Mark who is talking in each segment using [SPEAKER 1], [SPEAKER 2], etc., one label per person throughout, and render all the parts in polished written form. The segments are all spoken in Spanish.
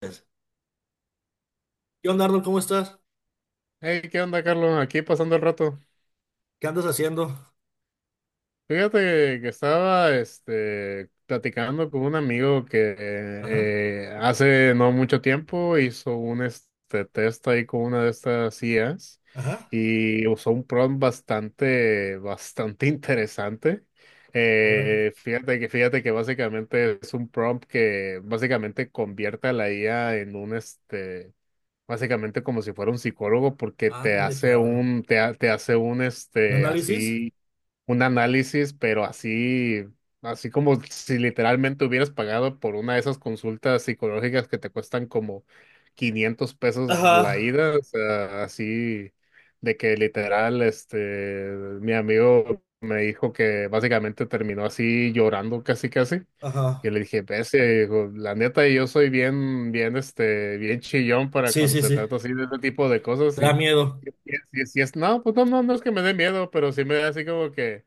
[SPEAKER 1] ¿Qué onda, Arnold? ¿Cómo estás?
[SPEAKER 2] Hey, ¿qué onda, Carlos? Aquí pasando el rato.
[SPEAKER 1] ¿Qué andas haciendo?
[SPEAKER 2] Fíjate que estaba platicando con un amigo que
[SPEAKER 1] Ajá,
[SPEAKER 2] hace no mucho tiempo hizo un test ahí con una de estas IAs
[SPEAKER 1] ajá.
[SPEAKER 2] y usó un prompt bastante, bastante interesante.
[SPEAKER 1] Ahora,
[SPEAKER 2] Fíjate que básicamente es un prompt que básicamente convierte a la IA en un este. Básicamente como si fuera un psicólogo porque te
[SPEAKER 1] ande,
[SPEAKER 2] hace
[SPEAKER 1] cabrón.
[SPEAKER 2] un, te hace un,
[SPEAKER 1] ¿Un análisis?
[SPEAKER 2] así un análisis, pero así, así como si literalmente hubieras pagado por una de esas consultas psicológicas que te cuestan como 500 pesos
[SPEAKER 1] Ajá,
[SPEAKER 2] la ida. O sea, así de que literal, mi amigo me dijo que básicamente terminó así llorando casi casi. Y
[SPEAKER 1] ajá.
[SPEAKER 2] le dije, pese, dijo, la neta, yo soy bien, bien, bien chillón para
[SPEAKER 1] Sí,
[SPEAKER 2] cuando
[SPEAKER 1] sí,
[SPEAKER 2] se
[SPEAKER 1] sí.
[SPEAKER 2] trata así de este tipo de
[SPEAKER 1] Te
[SPEAKER 2] cosas.
[SPEAKER 1] da
[SPEAKER 2] Y
[SPEAKER 1] miedo.
[SPEAKER 2] si si es, no, pues no, no, no es que me dé miedo, pero sí me da así como que,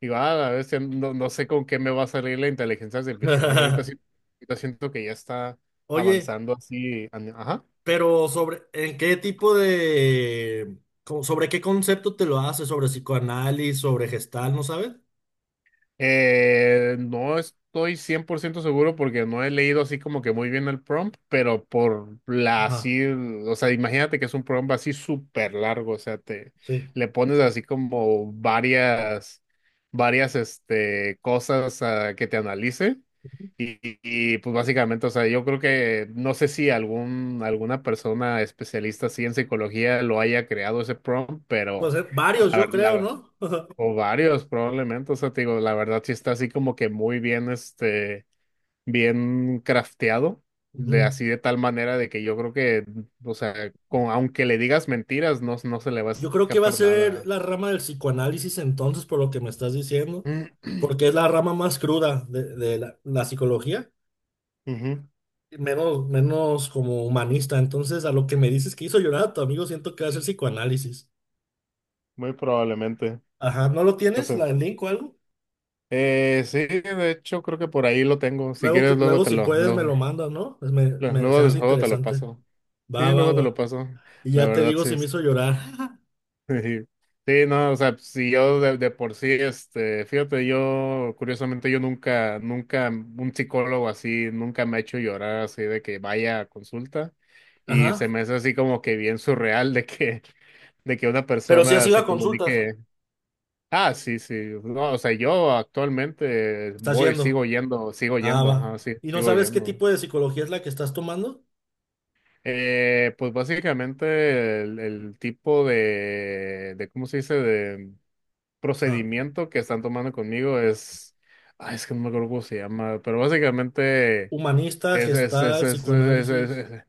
[SPEAKER 2] digo, ah, a veces no, no sé con qué me va a salir la inteligencia artificial. Ahorita sí, ahorita siento que ya está
[SPEAKER 1] Oye,
[SPEAKER 2] avanzando así. Ajá.
[SPEAKER 1] pero sobre, ¿en qué tipo de, sobre qué concepto te lo haces? ¿Sobre psicoanálisis? ¿Sobre gestal? ¿No sabes?
[SPEAKER 2] No estoy 100% seguro porque no he leído así como que muy bien el prompt, pero por la
[SPEAKER 1] Ajá,
[SPEAKER 2] así, o sea, imagínate que es un prompt así súper largo. O sea, te
[SPEAKER 1] sí.
[SPEAKER 2] le pones así como varias, varias, cosas a que te analice. Y, y, pues básicamente, o sea, yo creo que no sé si algún, alguna persona especialista así en psicología lo haya creado ese prompt,
[SPEAKER 1] Pues
[SPEAKER 2] pero
[SPEAKER 1] varios,
[SPEAKER 2] la
[SPEAKER 1] yo creo,
[SPEAKER 2] verdad,
[SPEAKER 1] ¿no?
[SPEAKER 2] o varios, probablemente. O sea, te digo, la verdad sí está así como que muy bien, bien crafteado, de
[SPEAKER 1] Ujú.
[SPEAKER 2] así de tal manera de que yo creo que, o sea, con, aunque le digas mentiras, no, no se le va a
[SPEAKER 1] Yo creo que va a
[SPEAKER 2] escapar
[SPEAKER 1] ser
[SPEAKER 2] nada.
[SPEAKER 1] la rama del psicoanálisis entonces, por lo que me estás diciendo,
[SPEAKER 2] Ujú.
[SPEAKER 1] porque es la rama más cruda de la psicología, menos, menos como humanista. Entonces, a lo que me dices que hizo llorar a tu amigo, siento que va a ser psicoanálisis.
[SPEAKER 2] Muy probablemente.
[SPEAKER 1] Ajá, ¿no lo
[SPEAKER 2] O
[SPEAKER 1] tienes?
[SPEAKER 2] sea,
[SPEAKER 1] ¿La, el link o algo?
[SPEAKER 2] sí, de hecho creo que por ahí lo tengo. Si
[SPEAKER 1] Luego,
[SPEAKER 2] quieres, luego
[SPEAKER 1] luego
[SPEAKER 2] te
[SPEAKER 1] si
[SPEAKER 2] lo,
[SPEAKER 1] puedes, me
[SPEAKER 2] luego,
[SPEAKER 1] lo mandas, ¿no? Pues se
[SPEAKER 2] luego
[SPEAKER 1] hace
[SPEAKER 2] luego te lo
[SPEAKER 1] interesante.
[SPEAKER 2] paso. Sí,
[SPEAKER 1] Va, va,
[SPEAKER 2] luego te lo
[SPEAKER 1] va.
[SPEAKER 2] paso.
[SPEAKER 1] Y
[SPEAKER 2] La
[SPEAKER 1] ya te
[SPEAKER 2] verdad,
[SPEAKER 1] digo
[SPEAKER 2] sí.
[SPEAKER 1] si me hizo llorar.
[SPEAKER 2] Sí, sí no, o sea, si yo de por sí, fíjate, yo, curiosamente, yo nunca, nunca, un psicólogo así, nunca me ha hecho llorar así de que vaya a consulta y se
[SPEAKER 1] Ajá.
[SPEAKER 2] me hace así como que bien surreal de que una
[SPEAKER 1] Pero si has
[SPEAKER 2] persona
[SPEAKER 1] ido
[SPEAKER 2] se
[SPEAKER 1] a consultas,
[SPEAKER 2] comunique. Ah, sí, sí, no, o sea, yo actualmente
[SPEAKER 1] estás
[SPEAKER 2] voy,
[SPEAKER 1] yendo.
[SPEAKER 2] sigo
[SPEAKER 1] Ah,
[SPEAKER 2] yendo,
[SPEAKER 1] va.
[SPEAKER 2] ajá, sí,
[SPEAKER 1] ¿Y no
[SPEAKER 2] sigo
[SPEAKER 1] sabes qué
[SPEAKER 2] yendo.
[SPEAKER 1] tipo de psicología es la que estás tomando?
[SPEAKER 2] Pues básicamente el tipo de, ¿cómo se dice?
[SPEAKER 1] Ah.
[SPEAKER 2] Procedimiento que están tomando conmigo es, ay, es que no me acuerdo cómo se llama, pero básicamente
[SPEAKER 1] Humanista,
[SPEAKER 2] es, es, es,
[SPEAKER 1] gestal,
[SPEAKER 2] es, es, es-
[SPEAKER 1] psicoanálisis.
[SPEAKER 2] es- es-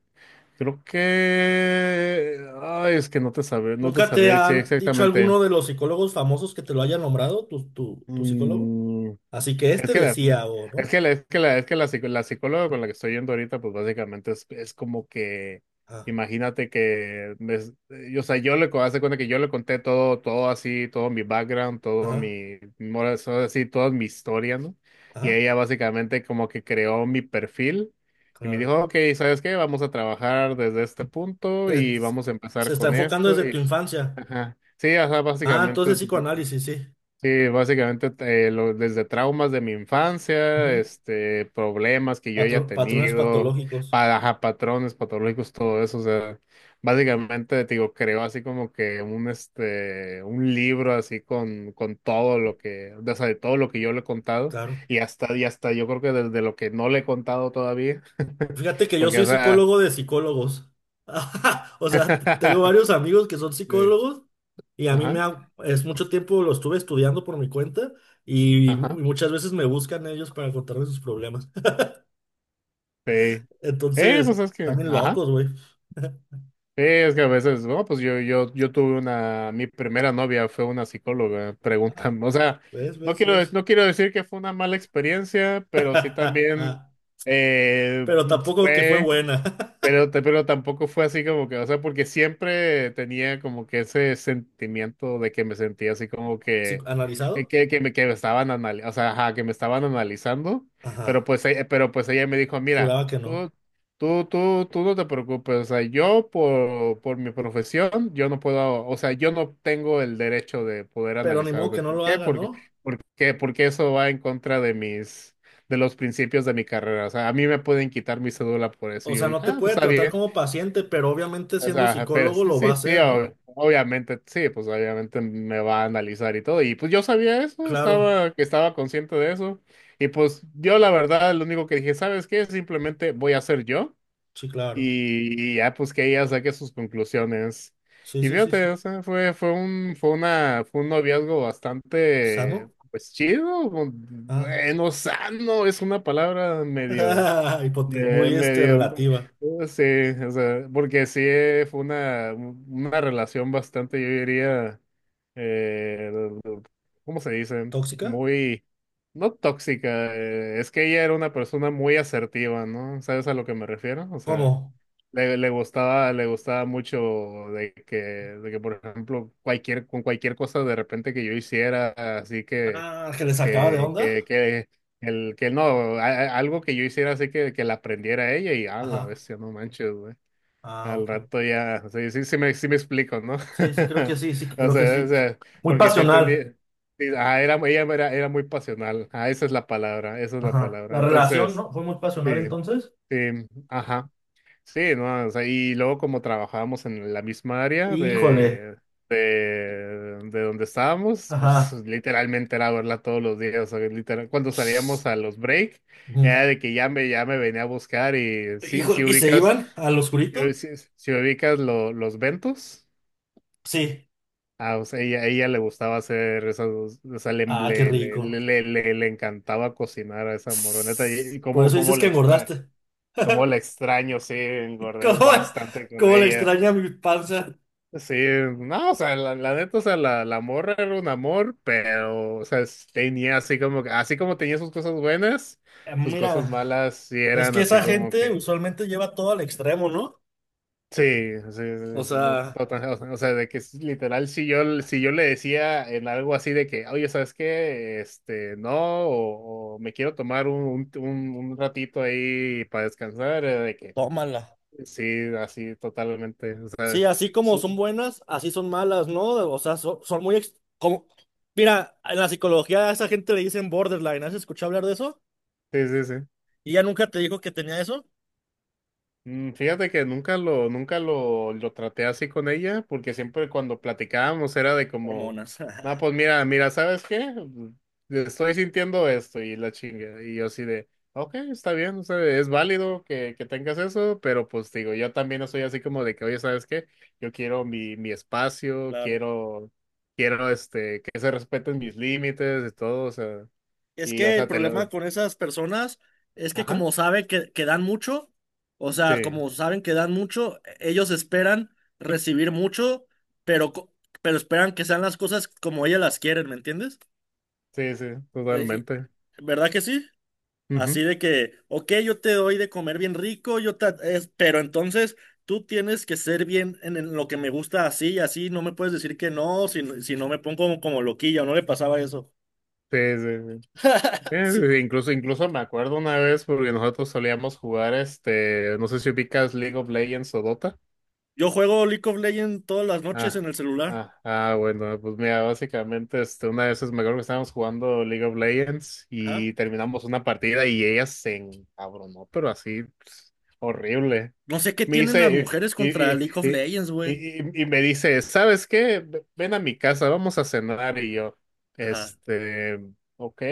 [SPEAKER 2] creo que, ay, es que no te sabría, no te
[SPEAKER 1] ¿Nunca te
[SPEAKER 2] sabría decir
[SPEAKER 1] han dicho
[SPEAKER 2] exactamente.
[SPEAKER 1] alguno de los psicólogos famosos que te lo haya nombrado, tu psicólogo?
[SPEAKER 2] Mm,
[SPEAKER 1] Así que
[SPEAKER 2] Es
[SPEAKER 1] este
[SPEAKER 2] que la,
[SPEAKER 1] decía, o no.
[SPEAKER 2] es que la, la psicóloga con la que estoy yendo ahorita, pues básicamente es como que,
[SPEAKER 1] Ah,
[SPEAKER 2] imagínate que, o sea, yo le, haz de cuenta que yo le conté todo, todo así, todo mi background, todo
[SPEAKER 1] ajá,
[SPEAKER 2] mi, todo así, toda mi historia, ¿no? Y
[SPEAKER 1] ajá,
[SPEAKER 2] ella básicamente como que creó mi perfil y me
[SPEAKER 1] claro.
[SPEAKER 2] dijo, ok, ¿sabes qué? Vamos a trabajar desde este punto
[SPEAKER 1] Te-
[SPEAKER 2] y vamos a
[SPEAKER 1] Se
[SPEAKER 2] empezar
[SPEAKER 1] está
[SPEAKER 2] con
[SPEAKER 1] enfocando
[SPEAKER 2] esto
[SPEAKER 1] desde tu
[SPEAKER 2] y,
[SPEAKER 1] infancia.
[SPEAKER 2] ajá. Sí, o sea,
[SPEAKER 1] Ah,
[SPEAKER 2] básicamente
[SPEAKER 1] entonces psicoanálisis, sí.
[SPEAKER 2] sí, básicamente desde traumas de mi infancia,
[SPEAKER 1] Ujú.
[SPEAKER 2] problemas que yo haya
[SPEAKER 1] Patrones
[SPEAKER 2] tenido,
[SPEAKER 1] patológicos,
[SPEAKER 2] ajá, patrones patológicos, todo eso, o sea, básicamente te digo, creo así como que un un libro así con todo lo que, o sea, de todo lo que yo le he contado
[SPEAKER 1] claro.
[SPEAKER 2] y hasta yo creo que desde lo que no le he contado todavía,
[SPEAKER 1] Fíjate que yo
[SPEAKER 2] porque,
[SPEAKER 1] soy
[SPEAKER 2] o sea,
[SPEAKER 1] psicólogo de psicólogos. O sea, tengo varios amigos que son
[SPEAKER 2] sí,
[SPEAKER 1] psicólogos. Y a mí me
[SPEAKER 2] ajá,
[SPEAKER 1] ha- es mucho tiempo lo estuve estudiando por mi cuenta, y
[SPEAKER 2] ajá,
[SPEAKER 1] muchas veces me buscan ellos para contarme sus problemas.
[SPEAKER 2] sí. Pues
[SPEAKER 1] Entonces,
[SPEAKER 2] es que,
[SPEAKER 1] también
[SPEAKER 2] ajá.
[SPEAKER 1] locos, güey.
[SPEAKER 2] Sí, es que a veces, no, pues yo tuve una, mi primera novia fue una psicóloga,
[SPEAKER 1] Ah,
[SPEAKER 2] preguntan, o sea,
[SPEAKER 1] ¿ves,
[SPEAKER 2] no
[SPEAKER 1] ves,
[SPEAKER 2] quiero,
[SPEAKER 1] ves?
[SPEAKER 2] no quiero decir que fue una mala experiencia, pero sí también eh,
[SPEAKER 1] Pero tampoco que fue
[SPEAKER 2] fue.
[SPEAKER 1] buena.
[SPEAKER 2] Pero, pero tampoco fue así como que, o sea, porque siempre tenía como que ese sentimiento de que me sentía así como
[SPEAKER 1] Sí, ¿analizado?
[SPEAKER 2] que me estaban analizando, o sea, ajá, que me estaban analizando, pero
[SPEAKER 1] Ajá.
[SPEAKER 2] pues, pero pues ella me dijo, mira,
[SPEAKER 1] Juraba que no.
[SPEAKER 2] tú no te preocupes, o sea, yo por mi profesión, yo no puedo, o sea, yo no tengo el derecho de poder
[SPEAKER 1] Pero ni
[SPEAKER 2] analizar
[SPEAKER 1] modo
[SPEAKER 2] de
[SPEAKER 1] que no
[SPEAKER 2] por
[SPEAKER 1] lo
[SPEAKER 2] qué,
[SPEAKER 1] haga,
[SPEAKER 2] porque,
[SPEAKER 1] ¿no?
[SPEAKER 2] porque, porque eso va en contra de mis de los principios de mi carrera. O sea, a mí me pueden quitar mi cédula por eso.
[SPEAKER 1] O
[SPEAKER 2] Y yo
[SPEAKER 1] sea,
[SPEAKER 2] dije,
[SPEAKER 1] no te
[SPEAKER 2] ah, pues
[SPEAKER 1] puede
[SPEAKER 2] está
[SPEAKER 1] tratar
[SPEAKER 2] bien.
[SPEAKER 1] como paciente, pero obviamente
[SPEAKER 2] O
[SPEAKER 1] siendo
[SPEAKER 2] sea, pero
[SPEAKER 1] psicólogo
[SPEAKER 2] sí,
[SPEAKER 1] lo va a
[SPEAKER 2] sí, sí,
[SPEAKER 1] hacer, ¿no?
[SPEAKER 2] obviamente, sí, pues obviamente me va a analizar y todo. Y pues yo sabía eso,
[SPEAKER 1] Claro,
[SPEAKER 2] estaba, que estaba consciente de eso. Y pues yo la verdad, lo único que dije, ¿sabes qué? Simplemente voy a ser yo.
[SPEAKER 1] sí, claro.
[SPEAKER 2] Y ya pues que ella saque sus conclusiones.
[SPEAKER 1] Sí,
[SPEAKER 2] Y
[SPEAKER 1] sí, sí,
[SPEAKER 2] fíjate,
[SPEAKER 1] sí.
[SPEAKER 2] o sea, fue, fue un, fue una, fue un noviazgo bastante,
[SPEAKER 1] ¿Sano?
[SPEAKER 2] pues chido,
[SPEAKER 1] Ah.
[SPEAKER 2] bueno, sano, es una palabra medio, eh,
[SPEAKER 1] Muy este,
[SPEAKER 2] medio,
[SPEAKER 1] relativa.
[SPEAKER 2] sí, o sea, porque sí fue una relación bastante, yo diría, eh, ¿cómo se dice?
[SPEAKER 1] ¿Tóxica?
[SPEAKER 2] Muy, no tóxica, es que ella era una persona muy asertiva, ¿no? ¿Sabes a lo que me refiero? O sea,
[SPEAKER 1] ¿Cómo?
[SPEAKER 2] le, le gustaba mucho de que, por ejemplo, cualquier, con cualquier cosa de repente que yo hiciera, así
[SPEAKER 1] Ah, que le sacaba de onda.
[SPEAKER 2] que el, que no, algo que yo hiciera así que la aprendiera ella y a la
[SPEAKER 1] Ajá.
[SPEAKER 2] bestia, no manches, güey.
[SPEAKER 1] Ah,
[SPEAKER 2] Al
[SPEAKER 1] ok.
[SPEAKER 2] rato ya, sí, sí, sí me explico, ¿no?
[SPEAKER 1] Sí, sí, creo que sí, sí, creo que
[SPEAKER 2] O
[SPEAKER 1] sí.
[SPEAKER 2] sea,
[SPEAKER 1] Muy
[SPEAKER 2] porque sí entendí,
[SPEAKER 1] pasional.
[SPEAKER 2] sí, ah, era, ella era, era muy pasional, ah, esa es la palabra, esa es la
[SPEAKER 1] Ajá.
[SPEAKER 2] palabra.
[SPEAKER 1] La relación,
[SPEAKER 2] Entonces,
[SPEAKER 1] ¿no? Fue muy
[SPEAKER 2] sí,
[SPEAKER 1] pasional entonces.
[SPEAKER 2] sí, ajá. Sí, no, o sea, y luego como trabajábamos en la misma área
[SPEAKER 1] Híjole.
[SPEAKER 2] de donde estábamos, pues
[SPEAKER 1] Ajá.
[SPEAKER 2] literalmente era verla todos los días, o sea, literal, cuando salíamos a los break,
[SPEAKER 1] Mm.
[SPEAKER 2] era de que ya me venía a buscar y si,
[SPEAKER 1] Híjole,
[SPEAKER 2] si
[SPEAKER 1] ¿y se
[SPEAKER 2] ubicas,
[SPEAKER 1] iban al oscurito?
[SPEAKER 2] si, si ubicas los ventos,
[SPEAKER 1] Sí.
[SPEAKER 2] ah, o sea, ella le gustaba hacer esas, o sea, le,
[SPEAKER 1] Ah, qué
[SPEAKER 2] le, le,
[SPEAKER 1] rico.
[SPEAKER 2] le, le encantaba cocinar a esa moroneta y
[SPEAKER 1] Por
[SPEAKER 2] cómo,
[SPEAKER 1] eso
[SPEAKER 2] cómo
[SPEAKER 1] dices que
[SPEAKER 2] la extrae.
[SPEAKER 1] engordaste.
[SPEAKER 2] Cómo la extraño, sí, engordé
[SPEAKER 1] ¿Cómo,
[SPEAKER 2] bastante con
[SPEAKER 1] cómo le
[SPEAKER 2] ella.
[SPEAKER 1] extraña mi panza?
[SPEAKER 2] Sí, no, o sea, la neta, o sea, la morra era un amor, pero, o sea, tenía así como, así como tenía sus cosas buenas, sus cosas
[SPEAKER 1] Mira,
[SPEAKER 2] malas sí
[SPEAKER 1] es
[SPEAKER 2] eran
[SPEAKER 1] que esa
[SPEAKER 2] así como
[SPEAKER 1] gente
[SPEAKER 2] que,
[SPEAKER 1] usualmente lleva todo al extremo, ¿no?
[SPEAKER 2] sí, sí,
[SPEAKER 1] O
[SPEAKER 2] sí, sí, no
[SPEAKER 1] sea,
[SPEAKER 2] o sea, o sea, de que es literal, si yo, si yo le decía en algo así de que, oye, ¿sabes qué? Este, no, o me quiero tomar un ratito ahí para descansar, era de que,
[SPEAKER 1] tómala.
[SPEAKER 2] sí, así totalmente, o sea,
[SPEAKER 1] Sí, así como
[SPEAKER 2] su-
[SPEAKER 1] son buenas, así son malas, ¿no? O sea, son, muy... Como... Mira, en la psicología a esa gente le dicen borderline. ¿Has escuchado hablar de eso?
[SPEAKER 2] sí, sí, sí.
[SPEAKER 1] ¿Y ya nunca te dijo que tenía eso?
[SPEAKER 2] Fíjate que nunca lo, nunca lo, lo traté así con ella, porque siempre cuando platicábamos era de como,
[SPEAKER 1] Hormonas,
[SPEAKER 2] no, pues mira, mira, ¿sabes qué? Estoy sintiendo esto y la chinga. Y yo así de, ok, está bien, o sea, es válido que tengas eso, pero pues digo, yo también no soy así como de que, oye, ¿sabes qué? Yo quiero mi, mi espacio,
[SPEAKER 1] claro.
[SPEAKER 2] quiero, quiero que se respeten mis límites y todo, o sea,
[SPEAKER 1] Es
[SPEAKER 2] y o
[SPEAKER 1] que el
[SPEAKER 2] sea, te
[SPEAKER 1] problema
[SPEAKER 2] lo,
[SPEAKER 1] con esas personas es que
[SPEAKER 2] ajá,
[SPEAKER 1] como sabe que dan mucho, o sea,
[SPEAKER 2] sí,
[SPEAKER 1] como saben que dan mucho, ellos esperan recibir mucho, pero, pero esperan que sean las cosas como ellas las quieren, ¿me entiendes?
[SPEAKER 2] sí, sí,
[SPEAKER 1] Eh,
[SPEAKER 2] totalmente.
[SPEAKER 1] y- ¿Verdad que sí? Así
[SPEAKER 2] Ujú.
[SPEAKER 1] de que, ok, yo te doy de comer bien rico, pero entonces tú tienes que ser bien en lo que me gusta así y así, no me puedes decir que no, si, si no me pongo como, como loquilla, no le pasaba eso.
[SPEAKER 2] Sí, sí, sí.
[SPEAKER 1] Sí.
[SPEAKER 2] Incluso, incluso me acuerdo una vez porque nosotros solíamos jugar no sé si ubicas League of Legends o Dota.
[SPEAKER 1] Yo juego League of Legends todas las noches en
[SPEAKER 2] Ah,
[SPEAKER 1] el celular.
[SPEAKER 2] ah, ah, bueno, pues mira, básicamente una vez es me acuerdo que estábamos jugando League of Legends
[SPEAKER 1] Ajá.
[SPEAKER 2] y terminamos una partida y ella se encabronó, pero así pues, horrible.
[SPEAKER 1] No sé qué
[SPEAKER 2] Me
[SPEAKER 1] tienen las
[SPEAKER 2] dice,
[SPEAKER 1] mujeres contra League of Legends,
[SPEAKER 2] y,
[SPEAKER 1] güey.
[SPEAKER 2] y me dice, ¿sabes qué? Ven a mi casa, vamos a cenar y yo,
[SPEAKER 1] Ajá.
[SPEAKER 2] este, ok.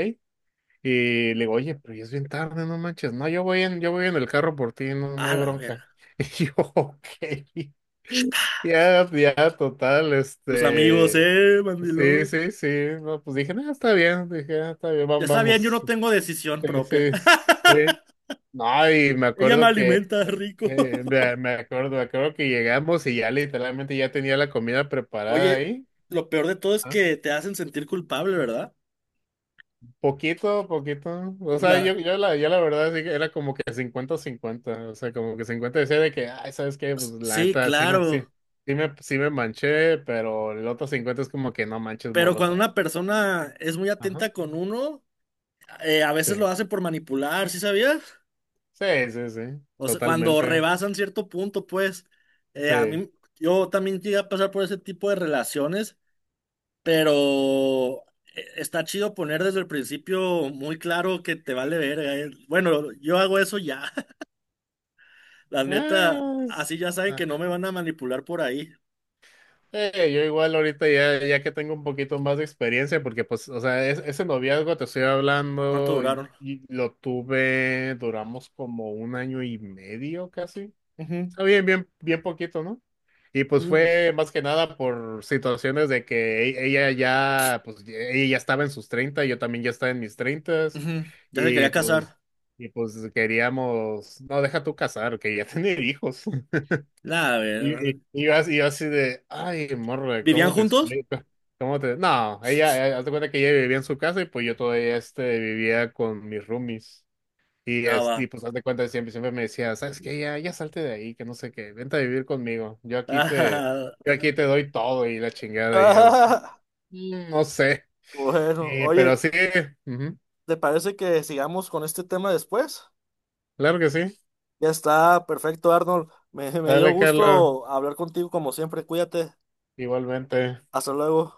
[SPEAKER 2] Y le digo, oye, pero ya es bien tarde, no manches. No, yo voy en el carro por ti, no,
[SPEAKER 1] A
[SPEAKER 2] no hay
[SPEAKER 1] la
[SPEAKER 2] bronca.
[SPEAKER 1] verga.
[SPEAKER 2] Y yo, ok. Ya, ya, total,
[SPEAKER 1] Tus amigos,
[SPEAKER 2] este. Sí,
[SPEAKER 1] mandilón.
[SPEAKER 2] sí, sí. No, pues dije, no, está bien. Dije, "Ah, está bien,
[SPEAKER 1] Ya está bien, yo
[SPEAKER 2] vamos.
[SPEAKER 1] no tengo decisión
[SPEAKER 2] Sí,
[SPEAKER 1] propia.
[SPEAKER 2] sí, sí. No, y me
[SPEAKER 1] Ella me
[SPEAKER 2] acuerdo que.
[SPEAKER 1] alimenta rico.
[SPEAKER 2] Me, me acuerdo que llegamos y ya literalmente ya tenía la comida preparada
[SPEAKER 1] Oye,
[SPEAKER 2] ahí.
[SPEAKER 1] lo peor de todo es
[SPEAKER 2] ¿Ah?
[SPEAKER 1] que te hacen sentir culpable, ¿verdad?
[SPEAKER 2] Poquito, poquito. O sea, yo,
[SPEAKER 1] La...
[SPEAKER 2] yo, la, yo la verdad sí que era como que 50 cincuenta. O sea, como que 50 decía de que, ay, ¿sabes qué? Pues la
[SPEAKER 1] Sí,
[SPEAKER 2] neta
[SPEAKER 1] claro.
[SPEAKER 2] sí me manché, pero el otro 50 es como que no manches
[SPEAKER 1] Pero
[SPEAKER 2] morro, o
[SPEAKER 1] cuando
[SPEAKER 2] sea.
[SPEAKER 1] una persona es muy
[SPEAKER 2] Ajá.
[SPEAKER 1] atenta con uno, a veces lo
[SPEAKER 2] Sí.
[SPEAKER 1] hace por manipular, ¿sí sabías?
[SPEAKER 2] Sí, sí, sí.
[SPEAKER 1] O sea, cuando
[SPEAKER 2] Totalmente.
[SPEAKER 1] rebasan cierto punto, pues, a
[SPEAKER 2] Sí.
[SPEAKER 1] mí, yo también llegué a pasar por ese tipo de relaciones, pero está chido poner desde el principio muy claro que te vale verga. Bueno, yo hago eso ya. La neta,
[SPEAKER 2] Ah, es-
[SPEAKER 1] así ya saben
[SPEAKER 2] ah,
[SPEAKER 1] que no me van a manipular por ahí.
[SPEAKER 2] yo igual ahorita ya, ya que tengo un poquito más de experiencia, porque pues, o sea, ese noviazgo te estoy
[SPEAKER 1] ¿Cuánto
[SPEAKER 2] hablando,
[SPEAKER 1] duraron?
[SPEAKER 2] y lo tuve, duramos como un año y medio casi.
[SPEAKER 1] Ujú,
[SPEAKER 2] Ah, bien, bien, bien poquito, ¿no? Y pues
[SPEAKER 1] u-
[SPEAKER 2] fue más que nada por situaciones de que ella ya, pues ella ya estaba en sus 30, yo también ya estaba en mis 30
[SPEAKER 1] ujú. Ya se
[SPEAKER 2] y
[SPEAKER 1] quería
[SPEAKER 2] pues,
[SPEAKER 1] casar.
[SPEAKER 2] y pues queríamos, no, deja tú casar, que ya tener hijos.
[SPEAKER 1] Nah, a
[SPEAKER 2] Y,
[SPEAKER 1] ver.
[SPEAKER 2] y yo así de, ay, morra,
[SPEAKER 1] ¿Vivían
[SPEAKER 2] ¿cómo te
[SPEAKER 1] juntos?
[SPEAKER 2] explico? ¿Cómo te...? No, ella, haz de cuenta que ella vivía en su casa y pues yo todavía vivía con mis roomies. Y,
[SPEAKER 1] Ah, va.
[SPEAKER 2] y pues haz de cuenta, siempre, siempre me decía, ¿sabes qué? Ya, ya salte de ahí, que no sé qué, vente a vivir conmigo,
[SPEAKER 1] Ah,
[SPEAKER 2] yo aquí te doy todo y la chingada, y yo,
[SPEAKER 1] ah,
[SPEAKER 2] "Mm, no sé,
[SPEAKER 1] bueno,
[SPEAKER 2] y, pero
[SPEAKER 1] oye,
[SPEAKER 2] sí, ujú,
[SPEAKER 1] ¿te parece que sigamos con este tema después?
[SPEAKER 2] claro que sí,
[SPEAKER 1] Ya está, perfecto, Arnold. Me dio
[SPEAKER 2] dale, Carlos,
[SPEAKER 1] gusto hablar contigo como siempre. Cuídate.
[SPEAKER 2] igualmente.
[SPEAKER 1] Hasta luego.